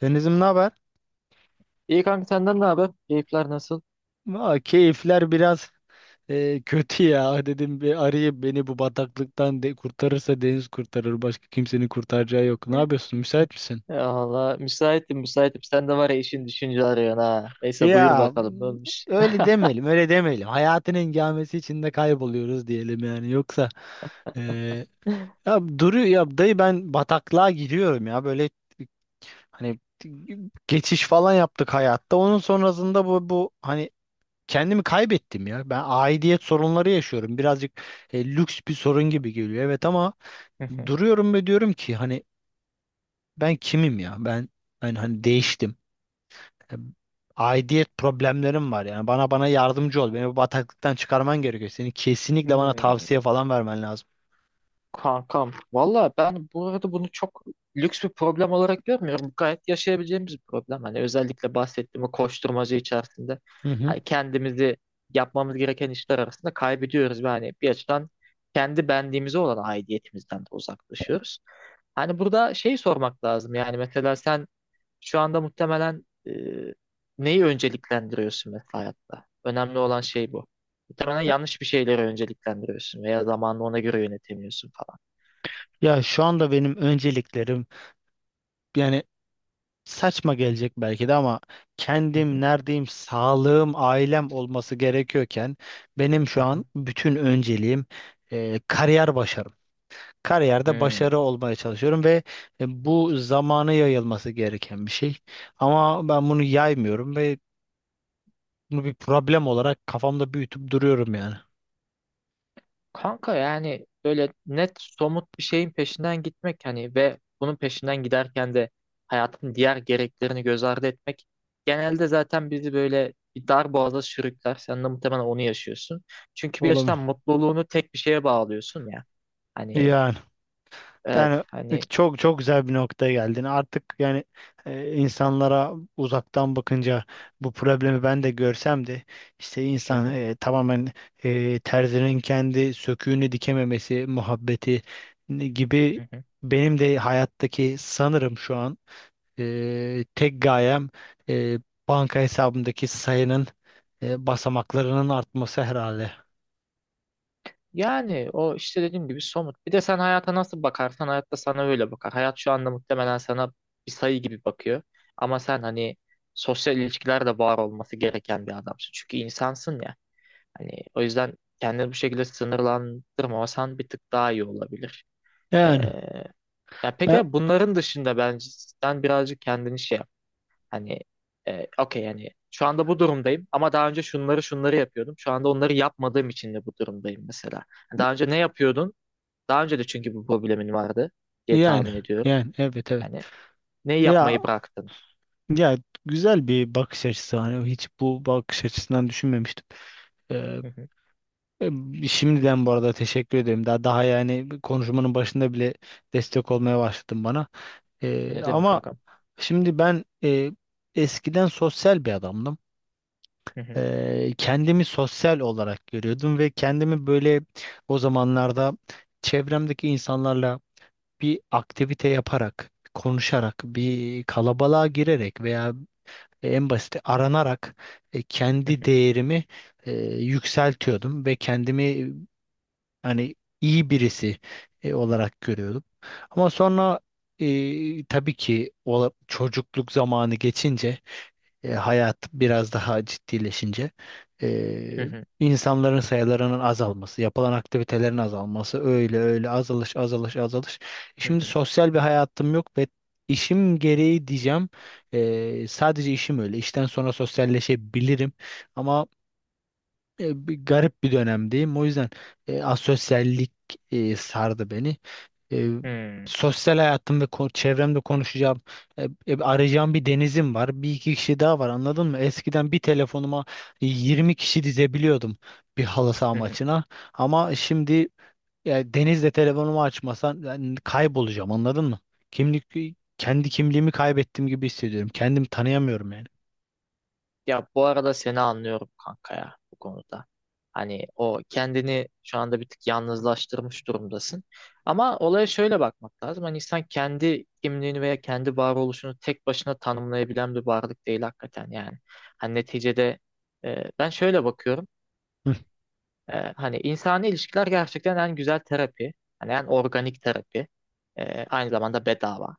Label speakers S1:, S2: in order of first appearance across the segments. S1: Denizim ne haber?
S2: İyi kanka senden ne haber? Keyifler nasıl?
S1: Aa, keyifler biraz kötü ya. Dedim bir arayayım beni bu bataklıktan de kurtarırsa Deniz kurtarır. Başka kimsenin kurtaracağı yok. Ne yapıyorsun? Müsait misin?
S2: Ya Allah müsaitim müsaitim. Sen de var ya işin düşünce arıyorsun ha. Neyse buyur
S1: Ya
S2: bakalım ne olmuş.
S1: öyle demeyelim, öyle demeyelim. Hayatın engamesi içinde kayboluyoruz diyelim yani. Yoksa e, ya duruyor ya dayı ben bataklığa gidiyorum ya böyle hani geçiş falan yaptık hayatta. Onun sonrasında bu hani kendimi kaybettim ya. Ben aidiyet sorunları yaşıyorum. Birazcık lüks bir sorun gibi geliyor. Evet ama duruyorum ve diyorum ki hani ben kimim ya? Ben hani değiştim. E, Aidiyet problemlerim var yani. Bana yardımcı ol. Beni bu bataklıktan çıkarman gerekiyor. Seni kesinlikle bana
S2: Hmm,
S1: tavsiye falan vermen lazım.
S2: kankam. Valla ben bu arada bunu çok lüks bir problem olarak görmüyorum. Gayet yaşayabileceğimiz bir problem. Hani özellikle bahsettiğim o koşturmacı içerisinde.
S1: Hı hı.
S2: Hani kendimizi yapmamız gereken işler arasında kaybediyoruz. Yani bir açıdan kendi benliğimize olan aidiyetimizden de uzaklaşıyoruz. Hani burada şey sormak lazım. Yani mesela sen şu anda muhtemelen neyi önceliklendiriyorsun mesela hayatta? Önemli olan şey bu. Muhtemelen yanlış bir şeyleri önceliklendiriyorsun veya zamanını ona göre yönetemiyorsun falan.
S1: Ya şu anda benim önceliklerim yani saçma gelecek belki de ama
S2: Hı
S1: kendim
S2: hı,
S1: neredeyim, sağlığım, ailem olması gerekiyorken benim
S2: hı
S1: şu
S2: hı.
S1: an bütün önceliğim kariyer başarım. Kariyerde
S2: Hmm.
S1: başarı olmaya çalışıyorum ve bu zamanı yayılması gereken bir şey. Ama ben bunu yaymıyorum ve bunu bir problem olarak kafamda büyütüp duruyorum yani.
S2: Kanka yani böyle net somut bir şeyin peşinden gitmek hani ve bunun peşinden giderken de hayatın diğer gereklerini göz ardı etmek genelde zaten bizi böyle bir dar boğaza sürükler. Sen de muhtemelen onu yaşıyorsun. Çünkü bir
S1: Olamıyor.
S2: açıdan mutluluğunu tek bir şeye bağlıyorsun ya. Hani
S1: Yani.
S2: evet
S1: Yani
S2: hani.
S1: çok çok güzel bir noktaya geldin. Artık yani insanlara uzaktan bakınca bu problemi ben de görsem de işte
S2: Hı
S1: insan
S2: hı,
S1: tamamen terzinin kendi söküğünü dikememesi muhabbeti gibi
S2: hı hı.
S1: benim de hayattaki sanırım şu an tek gayem e, banka hesabımdaki sayının basamaklarının artması herhalde.
S2: Yani o işte dediğim gibi somut. Bir de sen hayata nasıl bakarsan hayat da sana öyle bakar. Hayat şu anda muhtemelen sana bir sayı gibi bakıyor. Ama sen hani sosyal ilişkilerde var olması gereken bir adamsın. Çünkü insansın ya. Hani o yüzden kendini bu şekilde sınırlandırmasan bir tık daha iyi olabilir. Ee,
S1: Yani
S2: ya
S1: e,
S2: peki bunların dışında bence sen birazcık kendini şey yap. Hani okey yani şu anda bu durumdayım ama daha önce şunları şunları yapıyordum. Şu anda onları yapmadığım için de bu durumdayım mesela. Hani daha önce ne yapıyordun? Daha önce de çünkü bu problemin vardı diye
S1: yani
S2: tahmin ediyorum.
S1: yani evet evet.
S2: Yani neyi
S1: Ya
S2: yapmayı bıraktın?
S1: Ya güzel bir bakış açısı hani hiç bu bakış açısından düşünmemiştim. Ee,
S2: Hı hı.
S1: şimdiden bu arada teşekkür ederim. Daha daha yani konuşmanın başında bile destek olmaya başladın bana. Ee,
S2: Ne demek
S1: ama
S2: agam?
S1: şimdi ben eskiden sosyal bir adamdım.
S2: Hı hı.
S1: Kendimi sosyal olarak görüyordum ve kendimi böyle o zamanlarda çevremdeki insanlarla bir aktivite yaparak, konuşarak, bir kalabalığa girerek veya en basit aranarak
S2: Hı
S1: kendi
S2: hı.
S1: değerimi e, yükseltiyordum ve kendimi hani iyi birisi olarak görüyordum. Ama sonra tabii ki çocukluk zamanı geçince hayat biraz daha ciddileşince
S2: Hı
S1: e,
S2: hı.
S1: insanların sayılarının azalması, yapılan aktivitelerin azalması, öyle öyle azalış azalış azalış.
S2: Hı
S1: Şimdi sosyal bir hayatım yok ve işim gereği diyeceğim. Sadece işim öyle. İşten sonra sosyalleşebilirim ama bir garip bir dönemdeyim. O yüzden asosyallik sardı beni. E,
S2: hı.
S1: sosyal hayatım ve çevremde konuşacağım, arayacağım bir denizim var. Bir iki kişi daha var anladın mı? Eskiden bir telefonuma 20 kişi dizebiliyordum bir halı saha
S2: Hı hı.
S1: maçına. Ama şimdi ya, denizle telefonumu açmasan ben kaybolacağım anladın mı? Kimlik kendi kimliğimi kaybettiğim gibi hissediyorum. Kendimi tanıyamıyorum yani.
S2: Ya bu arada seni anlıyorum kanka ya bu konuda. Hani o kendini şu anda bir tık yalnızlaştırmış durumdasın. Ama olaya şöyle bakmak lazım. Hani insan kendi kimliğini veya kendi varoluşunu tek başına tanımlayabilen bir varlık değil hakikaten yani. Hani neticede ben şöyle bakıyorum.
S1: Hı,
S2: Hani insani ilişkiler gerçekten en güzel terapi. Hani en organik terapi. Aynı zamanda bedava.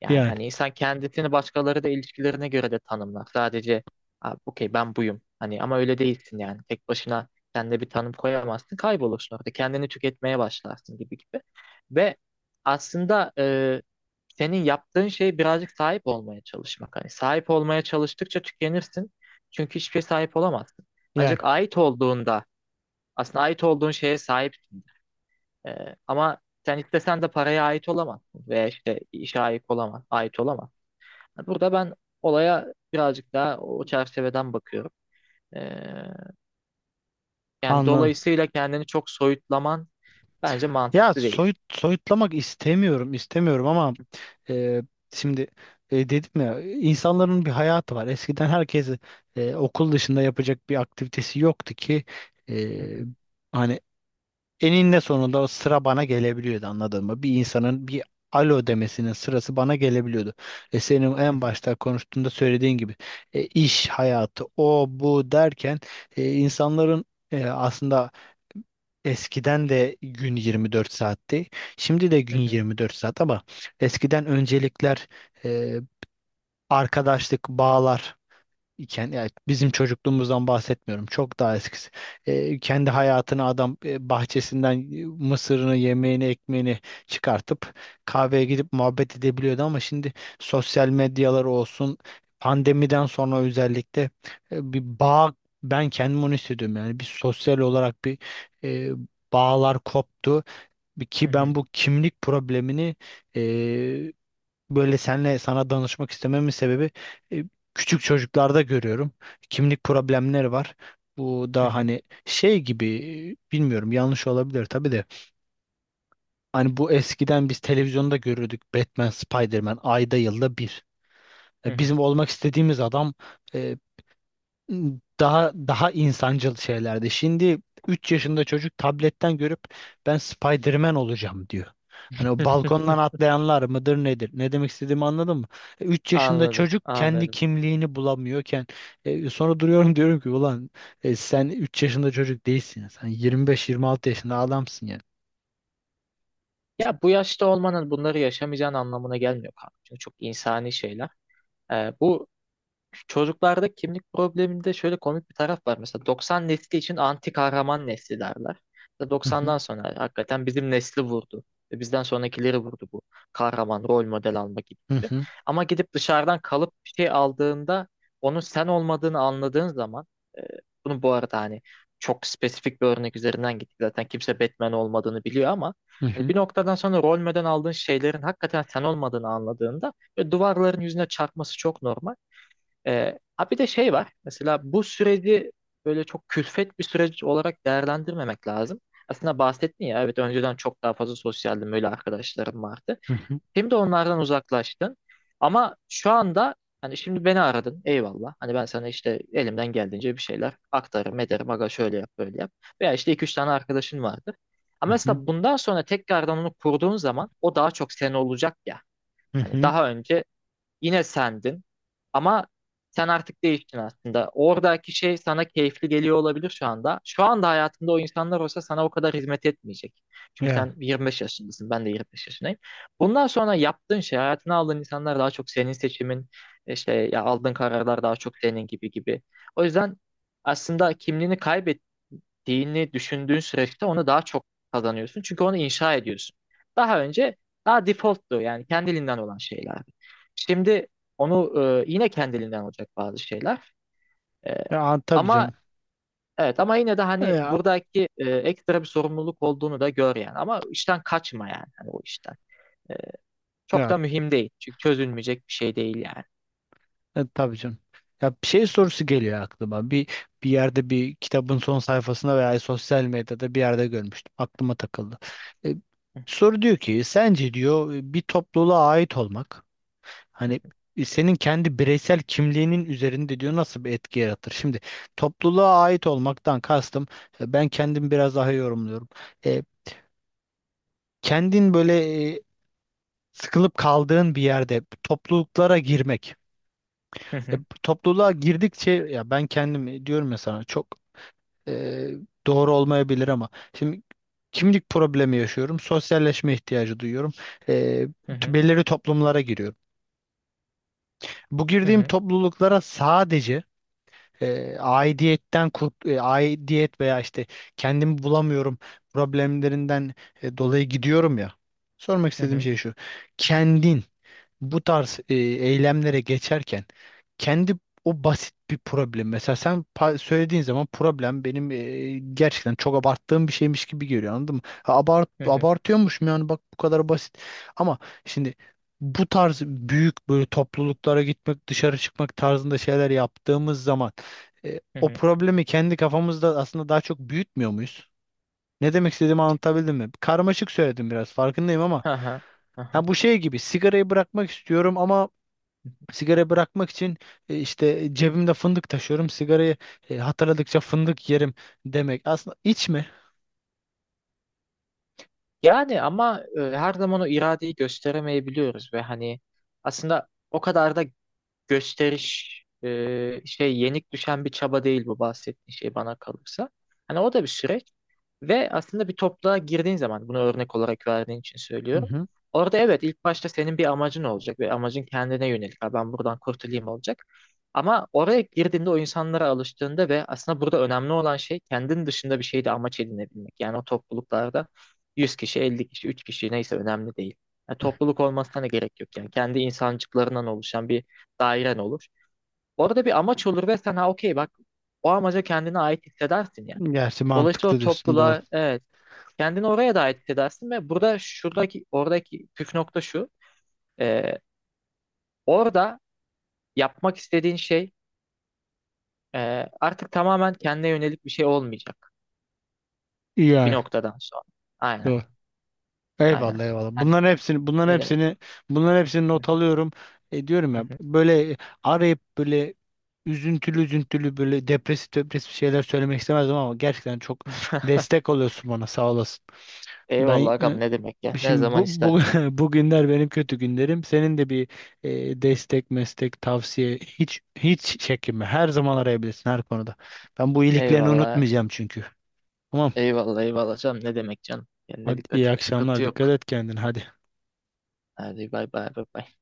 S2: Yani
S1: yani
S2: hani insan kendisini başkaları da ilişkilerine göre de tanımlar. Sadece "Abi, okey ben buyum. Hani ama öyle değilsin yani. Tek başına kendine bir tanım koyamazsın. Kaybolursun orada. Kendini tüketmeye başlarsın gibi gibi. Ve aslında senin yaptığın şey birazcık sahip olmaya çalışmak. Hani sahip olmaya çalıştıkça tükenirsin. Çünkü hiçbir şeye sahip olamazsın.
S1: yani
S2: Ancak ait olduğunda aslında ait olduğun şeye sahipsin. Ama sen istesen de paraya ait olamazsın veya işte işe ait olamazsın. Burada ben olaya birazcık daha o çerçeveden bakıyorum. Ee, yani
S1: anladım.
S2: dolayısıyla kendini çok soyutlaman bence
S1: Ya
S2: mantıklı değil.
S1: soyutlamak istemiyorum istemiyorum ama Ee, şimdi dedim ya insanların bir hayatı var. Eskiden herkes okul dışında yapacak bir aktivitesi yoktu ki
S2: Hı
S1: e,
S2: hı,
S1: hani eninde sonunda o sıra bana gelebiliyordu anladın mı? Bir insanın bir alo demesinin sırası bana gelebiliyordu. Senin
S2: hı
S1: en
S2: hı,
S1: başta konuştuğunda söylediğin gibi iş hayatı o bu derken insanların aslında eskiden de gün 24 saatti. Şimdi de
S2: hı
S1: gün
S2: hı,
S1: 24 saat ama eskiden öncelikler, e, arkadaşlık, bağlar iken yani bizim çocukluğumuzdan bahsetmiyorum. Çok daha eskisi. Kendi hayatını adam bahçesinden mısırını, yemeğini, ekmeğini çıkartıp kahveye gidip muhabbet edebiliyordu ama şimdi sosyal medyalar olsun pandemiden sonra özellikle bir bağ ben kendim onu hissediyorum yani bir sosyal olarak bir e, bağlar koptu ki ben bu kimlik problemini e, böyle senle sana danışmak istememin sebebi e, küçük çocuklarda görüyorum. Kimlik problemleri var. Bu
S2: hı
S1: da
S2: hı,
S1: hani şey gibi bilmiyorum yanlış olabilir tabii de. Hani bu eskiden biz televizyonda görürdük Batman, Spider-Man ayda yılda bir.
S2: hı
S1: E,
S2: hı.
S1: Bizim olmak istediğimiz adam e, daha daha insancıl şeylerdi. Şimdi 3 yaşında çocuk tabletten görüp ben Spider-Man olacağım diyor. Hani o balkondan atlayanlar mıdır nedir? Ne demek istediğimi anladın mı? Üç yaşında
S2: Anladım,
S1: çocuk kendi
S2: anladım.
S1: kimliğini bulamıyorken sonra duruyorum diyorum ki ulan sen 3 yaşında çocuk değilsin ya. Sen 26 yaşında adamsın yani.
S2: Ya bu yaşta olmanın bunları yaşamayacağın anlamına gelmiyor kanka. Çünkü çok insani şeyler. Bu çocuklarda kimlik probleminde şöyle komik bir taraf var. Mesela 90 nesli için anti kahraman nesli derler. Mesela
S1: Hı hı
S2: 90'dan sonra hakikaten bizim nesli vurdu. Ve bizden sonrakileri vurdu bu. Kahraman, rol model alma gibi
S1: hı
S2: gibi.
S1: hı
S2: Ama gidip dışarıdan kalıp bir şey aldığında onun sen olmadığını anladığın zaman e, bunu bu arada hani çok spesifik bir örnek üzerinden gittik. Zaten kimse Batman olmadığını biliyor ama
S1: hı
S2: hani
S1: hı
S2: bir noktadan sonra rol model aldığın şeylerin hakikaten sen olmadığını anladığında ve duvarların yüzüne çarpması çok normal. Ha bir de şey var. Mesela bu süreci böyle çok külfet bir süreç olarak değerlendirmemek lazım. Aslında bahsettin ya evet önceden çok daha fazla sosyaldim böyle arkadaşlarım vardı.
S1: hı hı
S2: Şimdi onlardan uzaklaştın. Ama şu anda hani şimdi beni aradın eyvallah. Hani ben sana işte elimden geldiğince bir şeyler aktarırım ederim. Aga şöyle yap böyle yap. Veya işte iki üç tane arkadaşın vardır. Ama
S1: hı
S2: mesela bundan sonra tekrardan onu kurduğun zaman o daha çok sen olacak ya.
S1: hı.
S2: Hani
S1: Hı.
S2: daha önce yine sendin. Ama sen artık değiştin aslında. Oradaki şey sana keyifli geliyor olabilir şu anda. Şu anda hayatında o insanlar olsa sana o kadar hizmet etmeyecek. Çünkü sen
S1: Ya,
S2: 25 yaşındasın, ben de 25 yaşındayım. Bundan sonra yaptığın şey, hayatına aldığın insanlar daha çok senin seçimin, işte ya aldığın kararlar daha çok senin gibi gibi. O yüzden aslında kimliğini kaybet ettiğini düşündüğün süreçte onu daha çok kazanıyorsun. Çünkü onu inşa ediyorsun. Daha önce daha defaulttu yani kendiliğinden olan şeyler. Şimdi onu yine kendiliğinden olacak bazı şeyler. E,
S1: ya tabii
S2: ama
S1: canım.
S2: evet ama yine de hani
S1: Ya,
S2: buradaki ekstra bir sorumluluk olduğunu da gör yani. Ama işten kaçma yani hani o işten. E, çok
S1: ya
S2: da mühim değil. Çünkü çözülmeyecek bir şey değil yani.
S1: Tabii canım. Ya bir şey sorusu geliyor aklıma. Bir yerde bir kitabın son sayfasında veya sosyal medyada bir yerde görmüştüm. Aklıma takıldı. E, soru diyor ki sence diyor bir topluluğa ait olmak
S2: Hı
S1: hani senin kendi bireysel kimliğinin üzerinde diyor nasıl bir etki yaratır? Şimdi topluluğa ait olmaktan kastım ben kendim biraz daha yorumluyorum. E, kendin böyle sıkılıp kaldığın bir yerde topluluklara girmek. E,
S2: hı
S1: topluluğa girdikçe ya ben kendim diyorum ya sana çok e, doğru olmayabilir ama şimdi kimlik problemi yaşıyorum. Sosyalleşme ihtiyacı duyuyorum. E,
S2: hı
S1: t-
S2: hı
S1: belirli toplumlara giriyorum. Bu
S2: hı
S1: girdiğim
S2: hı
S1: topluluklara sadece aidiyetten aidiyet veya işte kendimi bulamıyorum problemlerinden dolayı gidiyorum ya. Sormak
S2: hı
S1: istediğim
S2: hı
S1: şey şu. Kendin bu tarz eylemlere geçerken kendi o basit bir problem mesela sen söylediğin zaman problem benim gerçekten çok abarttığım bir şeymiş gibi geliyor anladın mı? Ha,
S2: hı hı
S1: abartıyormuşum yani bak bu kadar basit ama şimdi bu tarz büyük böyle topluluklara gitmek dışarı çıkmak tarzında şeyler yaptığımız zaman
S2: hı
S1: o
S2: hı.
S1: problemi kendi kafamızda aslında daha çok büyütmüyor muyuz? Ne demek istediğimi anlatabildim mi? Karmaşık söyledim biraz farkındayım ama
S2: Hı hı.
S1: ha bu şey gibi sigarayı bırakmak istiyorum ama sigara bırakmak için cebimde fındık taşıyorum. Sigarayı hatırladıkça fındık yerim demek. Aslında içme.
S2: Yani ama her zaman o iradeyi gösteremeyebiliyoruz ve hani aslında o kadar da gösteriş şey yenik düşen bir çaba değil bu bahsettiğin şey bana kalırsa. Hani o da bir süreç ve aslında bir topluluğa girdiğin zaman bunu örnek olarak verdiğin için
S1: Hı
S2: söylüyorum.
S1: hı.
S2: Orada evet ilk başta senin bir amacın olacak ve amacın kendine yönelik. Ha, ben buradan kurtulayım olacak. Ama oraya girdiğinde o insanlara alıştığında ve aslında burada önemli olan şey kendin dışında bir şeyde amaç edinebilmek. Yani o topluluklarda 100 kişi, 50 kişi, 3 kişi neyse önemli değil. Yani topluluk olmasına da gerek yok. Yani kendi insancıklarından oluşan bir dairen olur. Orada bir amaç olur ve sen ha okey bak o amaca kendine ait hissedersin ya.
S1: Gerçi
S2: Dolayısıyla o
S1: mantıklı diyorsun doğru.
S2: topluluğa evet kendini oraya da ait hissedersin ve burada şuradaki oradaki püf nokta şu. e, Orada yapmak istediğin şey artık tamamen kendine yönelik bir şey olmayacak bir
S1: Yani
S2: noktadan sonra. Aynen
S1: doğru.
S2: aynen.
S1: Eyvallah eyvallah.
S2: Hani
S1: Bunların hepsini bunların
S2: ne demek?
S1: hepsini bunların hepsini not alıyorum. Diyorum ya böyle arayıp böyle üzüntülü üzüntülü böyle depresif depresif şeyler söylemek istemezdim ama gerçekten çok destek oluyorsun bana sağ olasın. Ben
S2: Eyvallah Gam ne demek ya? Ne
S1: şimdi
S2: zaman
S1: bu
S2: istersen.
S1: bugünler benim kötü günlerim. Senin de bir destek, meslek, tavsiye hiç hiç çekinme. Her zaman arayabilirsin her konuda. Ben bu iyiliklerini
S2: Eyvallah.
S1: unutmayacağım çünkü. Tamam.
S2: Eyvallah eyvallah canım ne demek canım. Kendine
S1: Hadi iyi
S2: dikkat et. Sıkıntı
S1: akşamlar. Dikkat
S2: yok.
S1: et kendine. Hadi.
S2: Hadi bay bay bay bay.